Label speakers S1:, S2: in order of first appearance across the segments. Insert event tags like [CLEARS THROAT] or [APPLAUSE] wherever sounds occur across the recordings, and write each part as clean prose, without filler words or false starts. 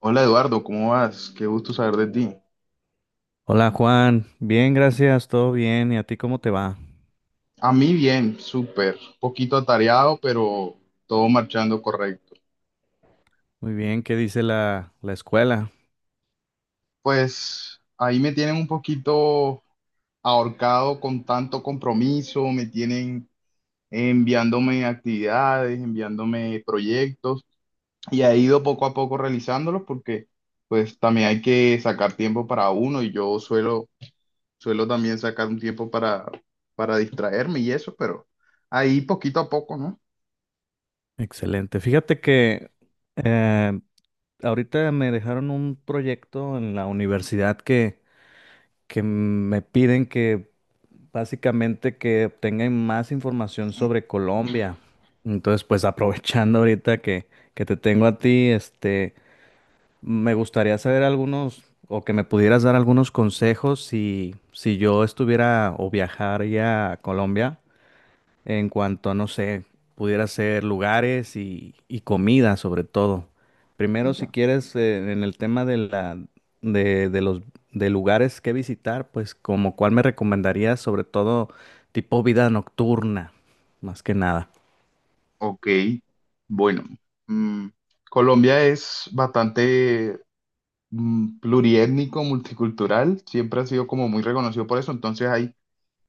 S1: Hola Eduardo, ¿cómo vas? Qué gusto saber de ti.
S2: Hola Juan, bien, gracias, todo bien. ¿Y a ti cómo te va?
S1: A mí bien, súper, poquito atareado, pero todo marchando correcto.
S2: Muy bien, ¿qué dice la escuela?
S1: Pues ahí me tienen un poquito ahorcado con tanto compromiso, me tienen enviándome actividades, enviándome proyectos y he ido poco a poco realizándolos porque pues también hay que sacar tiempo para uno y yo suelo también sacar un tiempo para distraerme y eso, pero ahí poquito a poco, ¿no?
S2: Excelente. Fíjate que eh, ahorita me dejaron un proyecto en la universidad que me piden que básicamente que obtengan más información sobre Colombia. Entonces, pues [LAUGHS] aprovechando ahorita que te tengo a ti, Me gustaría saber algunos o que me pudieras dar algunos consejos si, si yo estuviera o viajaría a Colombia en cuanto, no sé, pudiera ser lugares y comida sobre todo. Primero, si quieres, en el tema de la, de los de lugares que visitar, pues como cuál me recomendarías, sobre todo tipo vida nocturna, más que nada.
S1: Ok, bueno, mm, Colombia es bastante pluriétnico, multicultural, siempre ha sido como muy reconocido por eso, entonces hay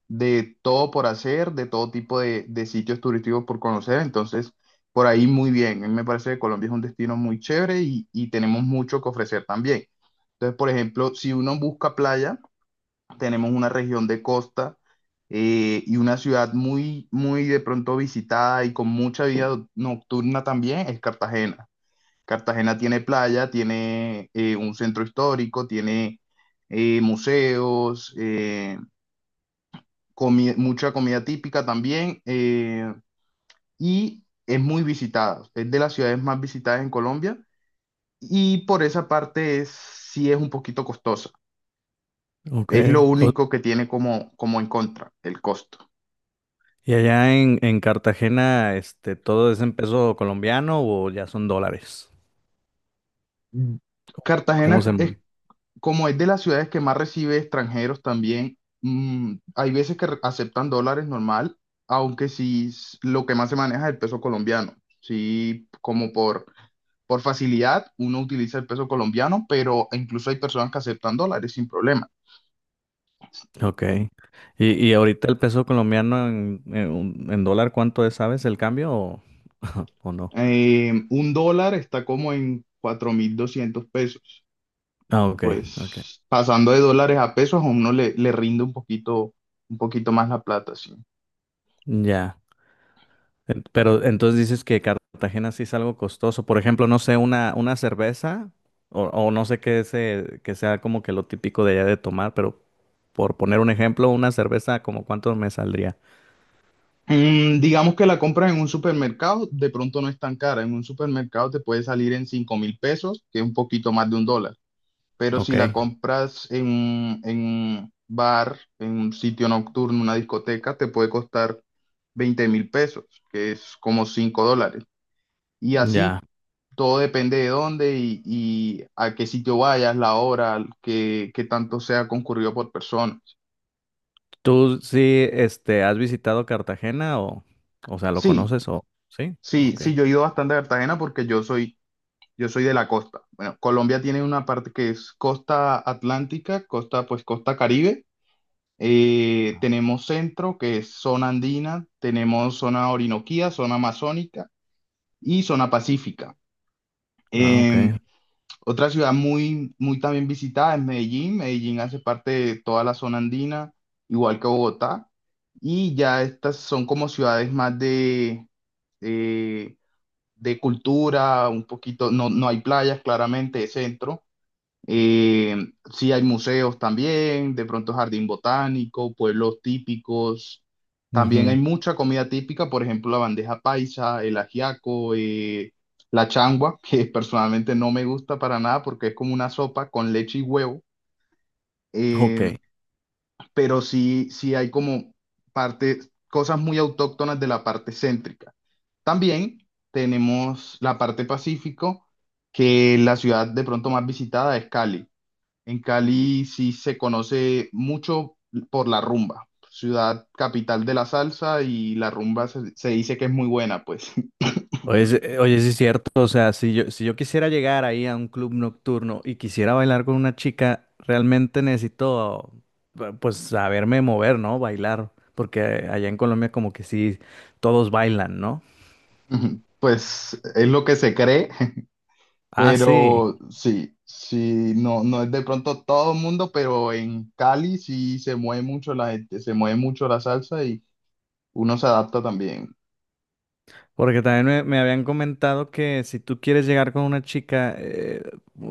S1: de todo por hacer, de todo tipo de sitios turísticos por conocer, entonces por ahí muy bien, a mí me parece que Colombia es un destino muy chévere y tenemos mucho que ofrecer también. Entonces, por ejemplo, si uno busca playa, tenemos una región de costa y una ciudad muy, muy de pronto visitada y con mucha vida nocturna también es Cartagena. Cartagena tiene playa, tiene un centro histórico, tiene museos, mucha comida típica también, y es muy visitada. Es de las ciudades más visitadas en Colombia y por esa parte es, sí es un poquito costosa.
S2: Ok.
S1: Es lo
S2: O,
S1: único que tiene como, como en contra, el costo.
S2: ¿y allá en Cartagena, este, todo es en peso colombiano o ya son dólares?
S1: Mm,
S2: ¿Cómo
S1: Cartagena
S2: se...? Mu-
S1: es como es de las ciudades que más recibe extranjeros también. Hay veces que aceptan dólares normal, aunque sí lo que más se maneja es el peso colombiano. Sí, como por facilidad uno utiliza el peso colombiano, pero incluso hay personas que aceptan dólares sin problema.
S2: Ok. Y ahorita el peso colombiano en dólar cuánto es, sabes, el cambio o, [LAUGHS] o no?
S1: Un dólar está como en 4.200 pesos.
S2: Ah, ok, ok.
S1: Pues pasando de dólares a pesos a uno le, le rinde un poquito más la plata, sí.
S2: Ya. En- Pero entonces dices que Cartagena sí es algo costoso. Por ejemplo, no sé, una cerveza o no sé qué se, que sea como que lo típico de allá de tomar, pero por poner un ejemplo, una cerveza como cuánto me saldría.
S1: Digamos que la compras en un supermercado, de pronto no es tan cara. En un supermercado te puede salir en 5.000 pesos, que es un poquito más de un dólar. Pero
S2: Ok,
S1: si la compras en, en un bar, en un sitio nocturno, una discoteca, te puede costar 20.000 pesos, que es como 5 dólares. Y así,
S2: ya.
S1: todo depende de dónde y a qué sitio vayas, la hora, que tanto sea concurrido por personas.
S2: ¿Tú sí, este, has visitado Cartagena o sea, lo
S1: Sí,
S2: conoces o sí?
S1: sí,
S2: Ok.
S1: sí, yo he ido bastante a Cartagena porque yo soy de la costa. Bueno, Colombia tiene una parte que es costa atlántica, costa, pues costa Caribe.
S2: Ah,
S1: Tenemos centro, que es zona andina, tenemos zona orinoquía, zona amazónica y zona pacífica.
S2: ah, ok.
S1: Em, Otra ciudad muy, muy también visitada es Medellín. Medellín hace parte de toda la zona andina, igual que Bogotá. Y ya estas son como ciudades más eh, de cultura, un poquito, no, no hay playas, claramente, de centro, eh, sí hay museos también, de pronto jardín botánico, pueblos típicos. También hay
S2: Ujú.
S1: mucha comida típica, por ejemplo, la bandeja paisa, el ajiaco, la changua, que [LAUGHS] personalmente no me gusta para nada porque es como una sopa con leche y huevo.
S2: Ok.
S1: Eh, pero sí, sí hay como parte, cosas muy autóctonas de la parte céntrica. También tenemos la parte pacífico, que la ciudad de pronto más visitada es Cali. En Cali sí se conoce mucho por la rumba, ciudad capital de la salsa y la rumba se, se dice que es muy buena, pues,
S2: Oye, sí es cierto, o sea, si yo quisiera llegar ahí a un club nocturno y quisiera bailar con una chica, realmente necesito, pues, saberme mover, ¿no? Bailar, porque allá en Colombia como que sí, todos bailan, ¿no?
S1: [LAUGHS] pues es lo que se cree. [LAUGHS]
S2: Ah, sí.
S1: Pero sí, sí, no, no es de pronto todo el mundo, pero en Cali sí se mueve mucho la gente, se mueve mucho la salsa y uno se adapta también.
S2: Porque también me habían comentado que si tú quieres llegar con una chica,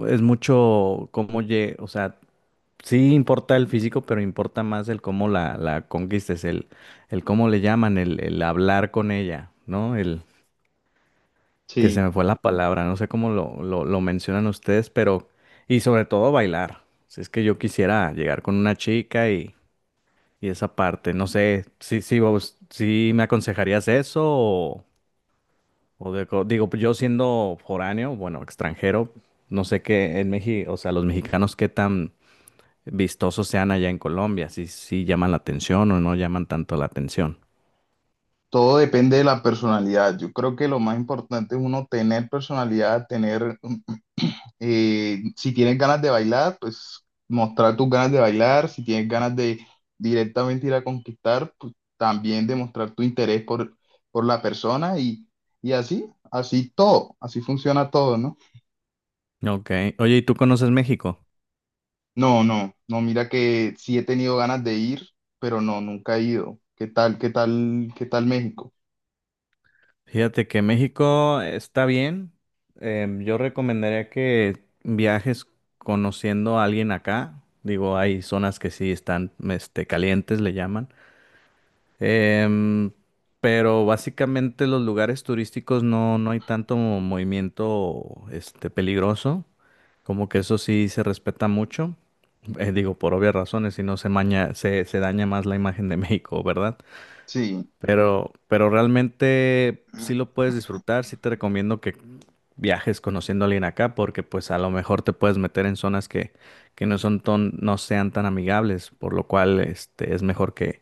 S2: es mucho cómo lle, o sea, sí importa el físico, pero importa más el cómo la conquistes, el cómo le llaman, el hablar con ella, ¿no? El que se
S1: Sí,
S2: me fue la palabra, no sé cómo lo mencionan ustedes, pero, y sobre todo bailar. Si es que yo quisiera llegar con una chica y esa parte, no sé, si, si vos, si me aconsejarías eso o... O de co- digo, pues, yo siendo foráneo, bueno, extranjero, no sé qué en México, o sea, los mexicanos qué tan vistosos sean allá en Colombia, si si llaman la atención o no llaman tanto la atención.
S1: todo depende de la personalidad. Yo creo que lo más importante es uno tener personalidad, tener Si tienes ganas de bailar, pues mostrar tus ganas de bailar. Si tienes ganas de directamente ir a conquistar, pues también demostrar tu interés por la persona y así, así todo, así funciona todo, ¿no?
S2: Ok, oye, ¿y tú conoces México?
S1: No, no, no, mira que sí he tenido ganas de ir, pero no, nunca he ido. ¿Qué tal, qué tal, qué tal México?
S2: Fíjate que México está bien. Yo recomendaría que viajes conociendo a alguien acá. Digo, hay zonas que sí están, este, calientes, le llaman. Em, pero básicamente los lugares turísticos no, no hay tanto movimiento este, peligroso, como que eso sí se respeta mucho. Digo, por obvias razones, si no se maña, se daña más la imagen de [LAUGHS] México, ¿verdad?
S1: Sí.
S2: Pero realmente sí lo puedes disfrutar, sí te recomiendo que viajes conociendo a alguien acá, porque pues a lo mejor te puedes meter en zonas que no son ton- no sean tan amigables, por lo cual este, es mejor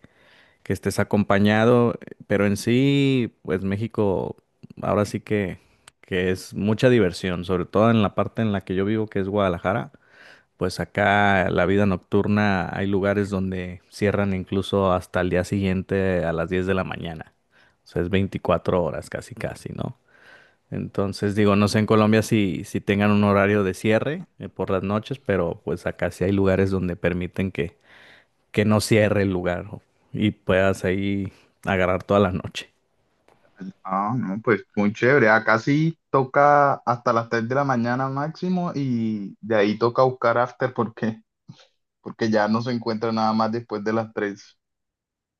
S2: que estés acompañado, pero en sí, pues México ahora sí que es mucha diversión, sobre todo en la parte en la que yo vivo, que es Guadalajara, pues acá la vida nocturna hay lugares donde cierran incluso hasta el día siguiente a las 10 de la mañana, o sea, es 24 horas casi casi, ¿no? Entonces digo, no sé en Colombia si, si tengan un horario de cierre por las noches, pero pues acá sí hay lugares donde permiten que no cierre el lugar o- y puedas ahí agarrar toda la noche.
S1: Ah, no, pues muy chévere. Acá sí toca hasta las 3 de la mañana máximo y de ahí toca buscar after porque porque ya no se encuentra nada más después de las 3.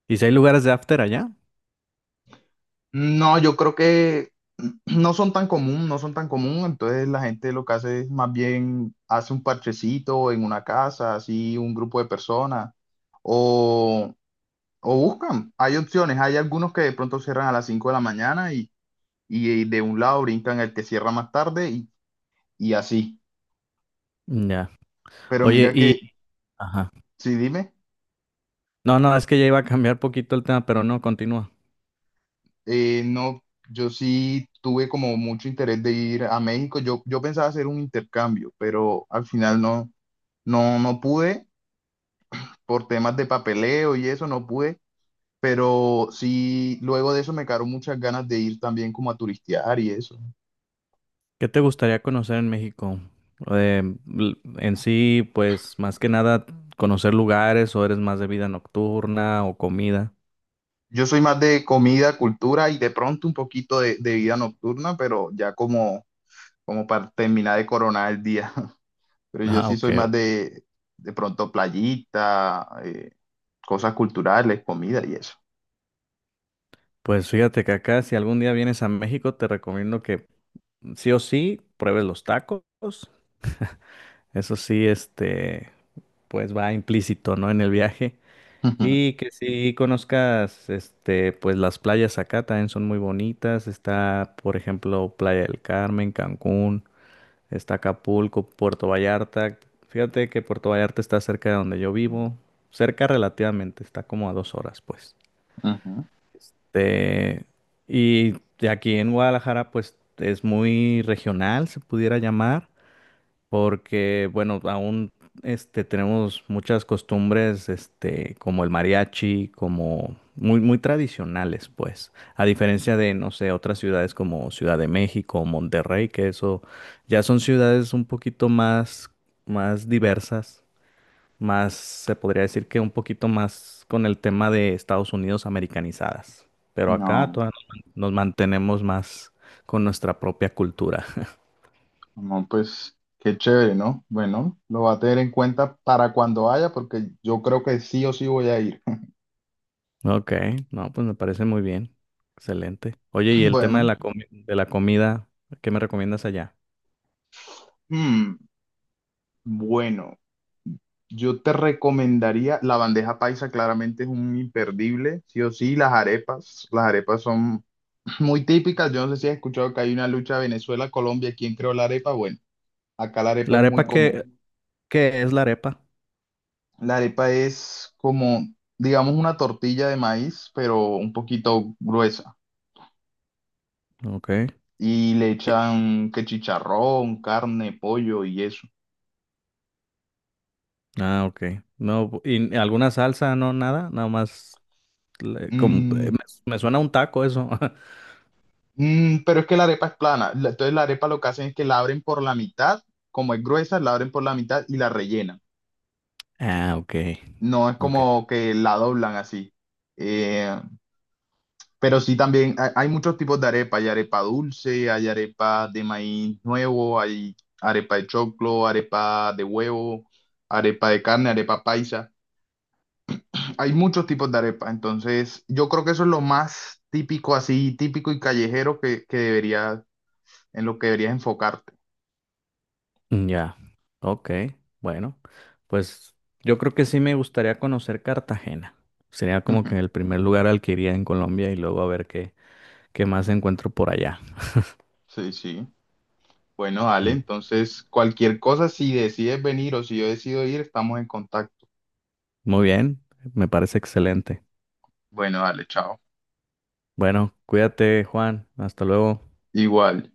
S2: ¿Y si hay lugares de after allá?
S1: No, yo creo que [CLEARS THROAT] no son tan común, no son tan común, entonces la gente lo que hace es más bien hace un parchecito en una casa, así un grupo de personas, o, o buscan, hay opciones, hay algunos que de pronto cierran a las 5 de la mañana y de un lado brincan el que cierra más tarde y así,
S2: Ya.
S1: pero
S2: Oye,
S1: mira
S2: y...
S1: que,
S2: Ajá.
S1: sí, dime.
S2: No, no, es que ya iba a cambiar poquito el tema, pero no, continúa.
S1: No, yo sí tuve como mucho interés de ir a México. Yo pensaba hacer un intercambio, pero al final no, no, no pude por temas de papeleo y eso, no pude. Pero sí, luego de eso me quedaron muchas ganas de ir también como a turistear y eso.
S2: ¿Qué te gustaría conocer en México? Eh, l- en sí, pues más que nada conocer lugares o eres más de vida nocturna o comida.
S1: Yo soy más de comida, cultura y de pronto un poquito de vida nocturna, pero ya como, como para terminar de coronar el día. [LAUGHS] Pero yo
S2: Ah,
S1: sí
S2: ok.
S1: soy más
S2: Ok.
S1: de pronto playita, cosas culturales, comida y eso.
S2: Pues fíjate que acá, si algún día vienes a México, te recomiendo que sí o sí pruebes los tacos. Eso sí, este, pues va implícito, ¿no? En el viaje.
S1: [LAUGHS] Ujú,
S2: Y que sí conozcas, este, pues las playas acá también son muy bonitas. Está, por ejemplo, Playa del Carmen, Cancún, está Acapulco, Puerto Vallarta. Fíjate que Puerto Vallarta está cerca de donde yo vivo. Cerca relativamente, está como a 2 horas, pues.
S1: ujú.
S2: Este, y de aquí en Guadalajara, pues es muy regional, se pudiera llamar porque, bueno, aún este, tenemos muchas costumbres este, como el mariachi, como muy tradicionales, pues, a diferencia de, no sé, otras ciudades como Ciudad de México o Monterrey, que eso ya son ciudades un poquito más, más diversas, más, se podría decir que un poquito más con el tema de Estados Unidos americanizadas. Pero acá
S1: No,
S2: todavía nos mantenemos más con nuestra propia cultura. [LAUGHS]
S1: no, pues qué chévere, ¿no? Bueno, lo va a tener en cuenta para cuando vaya, porque yo creo que sí o sí voy a ir. [LAUGHS]
S2: Ok, no, pues me parece muy bien. Excelente. Oye,
S1: [CLEARS THROAT]
S2: y el tema de
S1: Bueno,
S2: la comi- de la comida, ¿qué me recomiendas allá?
S1: mm, bueno, yo te recomendaría la bandeja paisa, claramente es un imperdible, sí o sí, las arepas son [LAUGHS] [CLEARS THROAT] muy típicas. Yo no sé si has escuchado que hay una lucha Venezuela-Colombia, ¿quién creó la arepa? Bueno, acá la arepa
S2: ¿La
S1: es muy
S2: arepa qué,
S1: común.
S2: qué es la arepa?
S1: La arepa es como, digamos, una tortilla de maíz, pero un poquito gruesa.
S2: Ok.
S1: Y le
S2: Y-
S1: echan que chicharrón, carne, pollo y eso.
S2: ah, ok. No, bu- ¿y alguna salsa? No, nada, nada más. Le- como-
S1: Mm,
S2: me, me suena a un taco eso. [LAUGHS]
S1: pero es que la arepa es plana. La- Entonces la arepa lo que hacen es que la abren por la mitad, como es gruesa, la abren por la mitad y la rellenan.
S2: Ah, ok.
S1: No es
S2: Ok.
S1: como que la doblan así. Eh, Pero sí también hay muchos tipos de arepa. Hay arepa dulce, hay arepa de maíz nuevo, hay arepa de choclo, arepa de huevo, arepa de carne, arepa paisa. Hay muchos tipos de arepa. Entonces, yo creo que eso es lo más típico, así típico y callejero que deberías, en lo que deberías enfocarte.
S2: Ya. Ok. Bueno, pues yo creo que sí me gustaría conocer Cartagena. Sería como que el
S1: [LAUGHS]
S2: primer lugar al que iría en Colombia y luego a ver qué, qué más encuentro por allá.
S1: Sí, sí. Bueno, Ale,
S2: Muy,
S1: entonces cualquier cosa, si decides venir o si yo decido ir, estamos en contacto.
S2: muy bien, me parece excelente.
S1: Bueno, dale, chao.
S2: Bueno, cuídate, Juan. Hasta luego.
S1: Igual.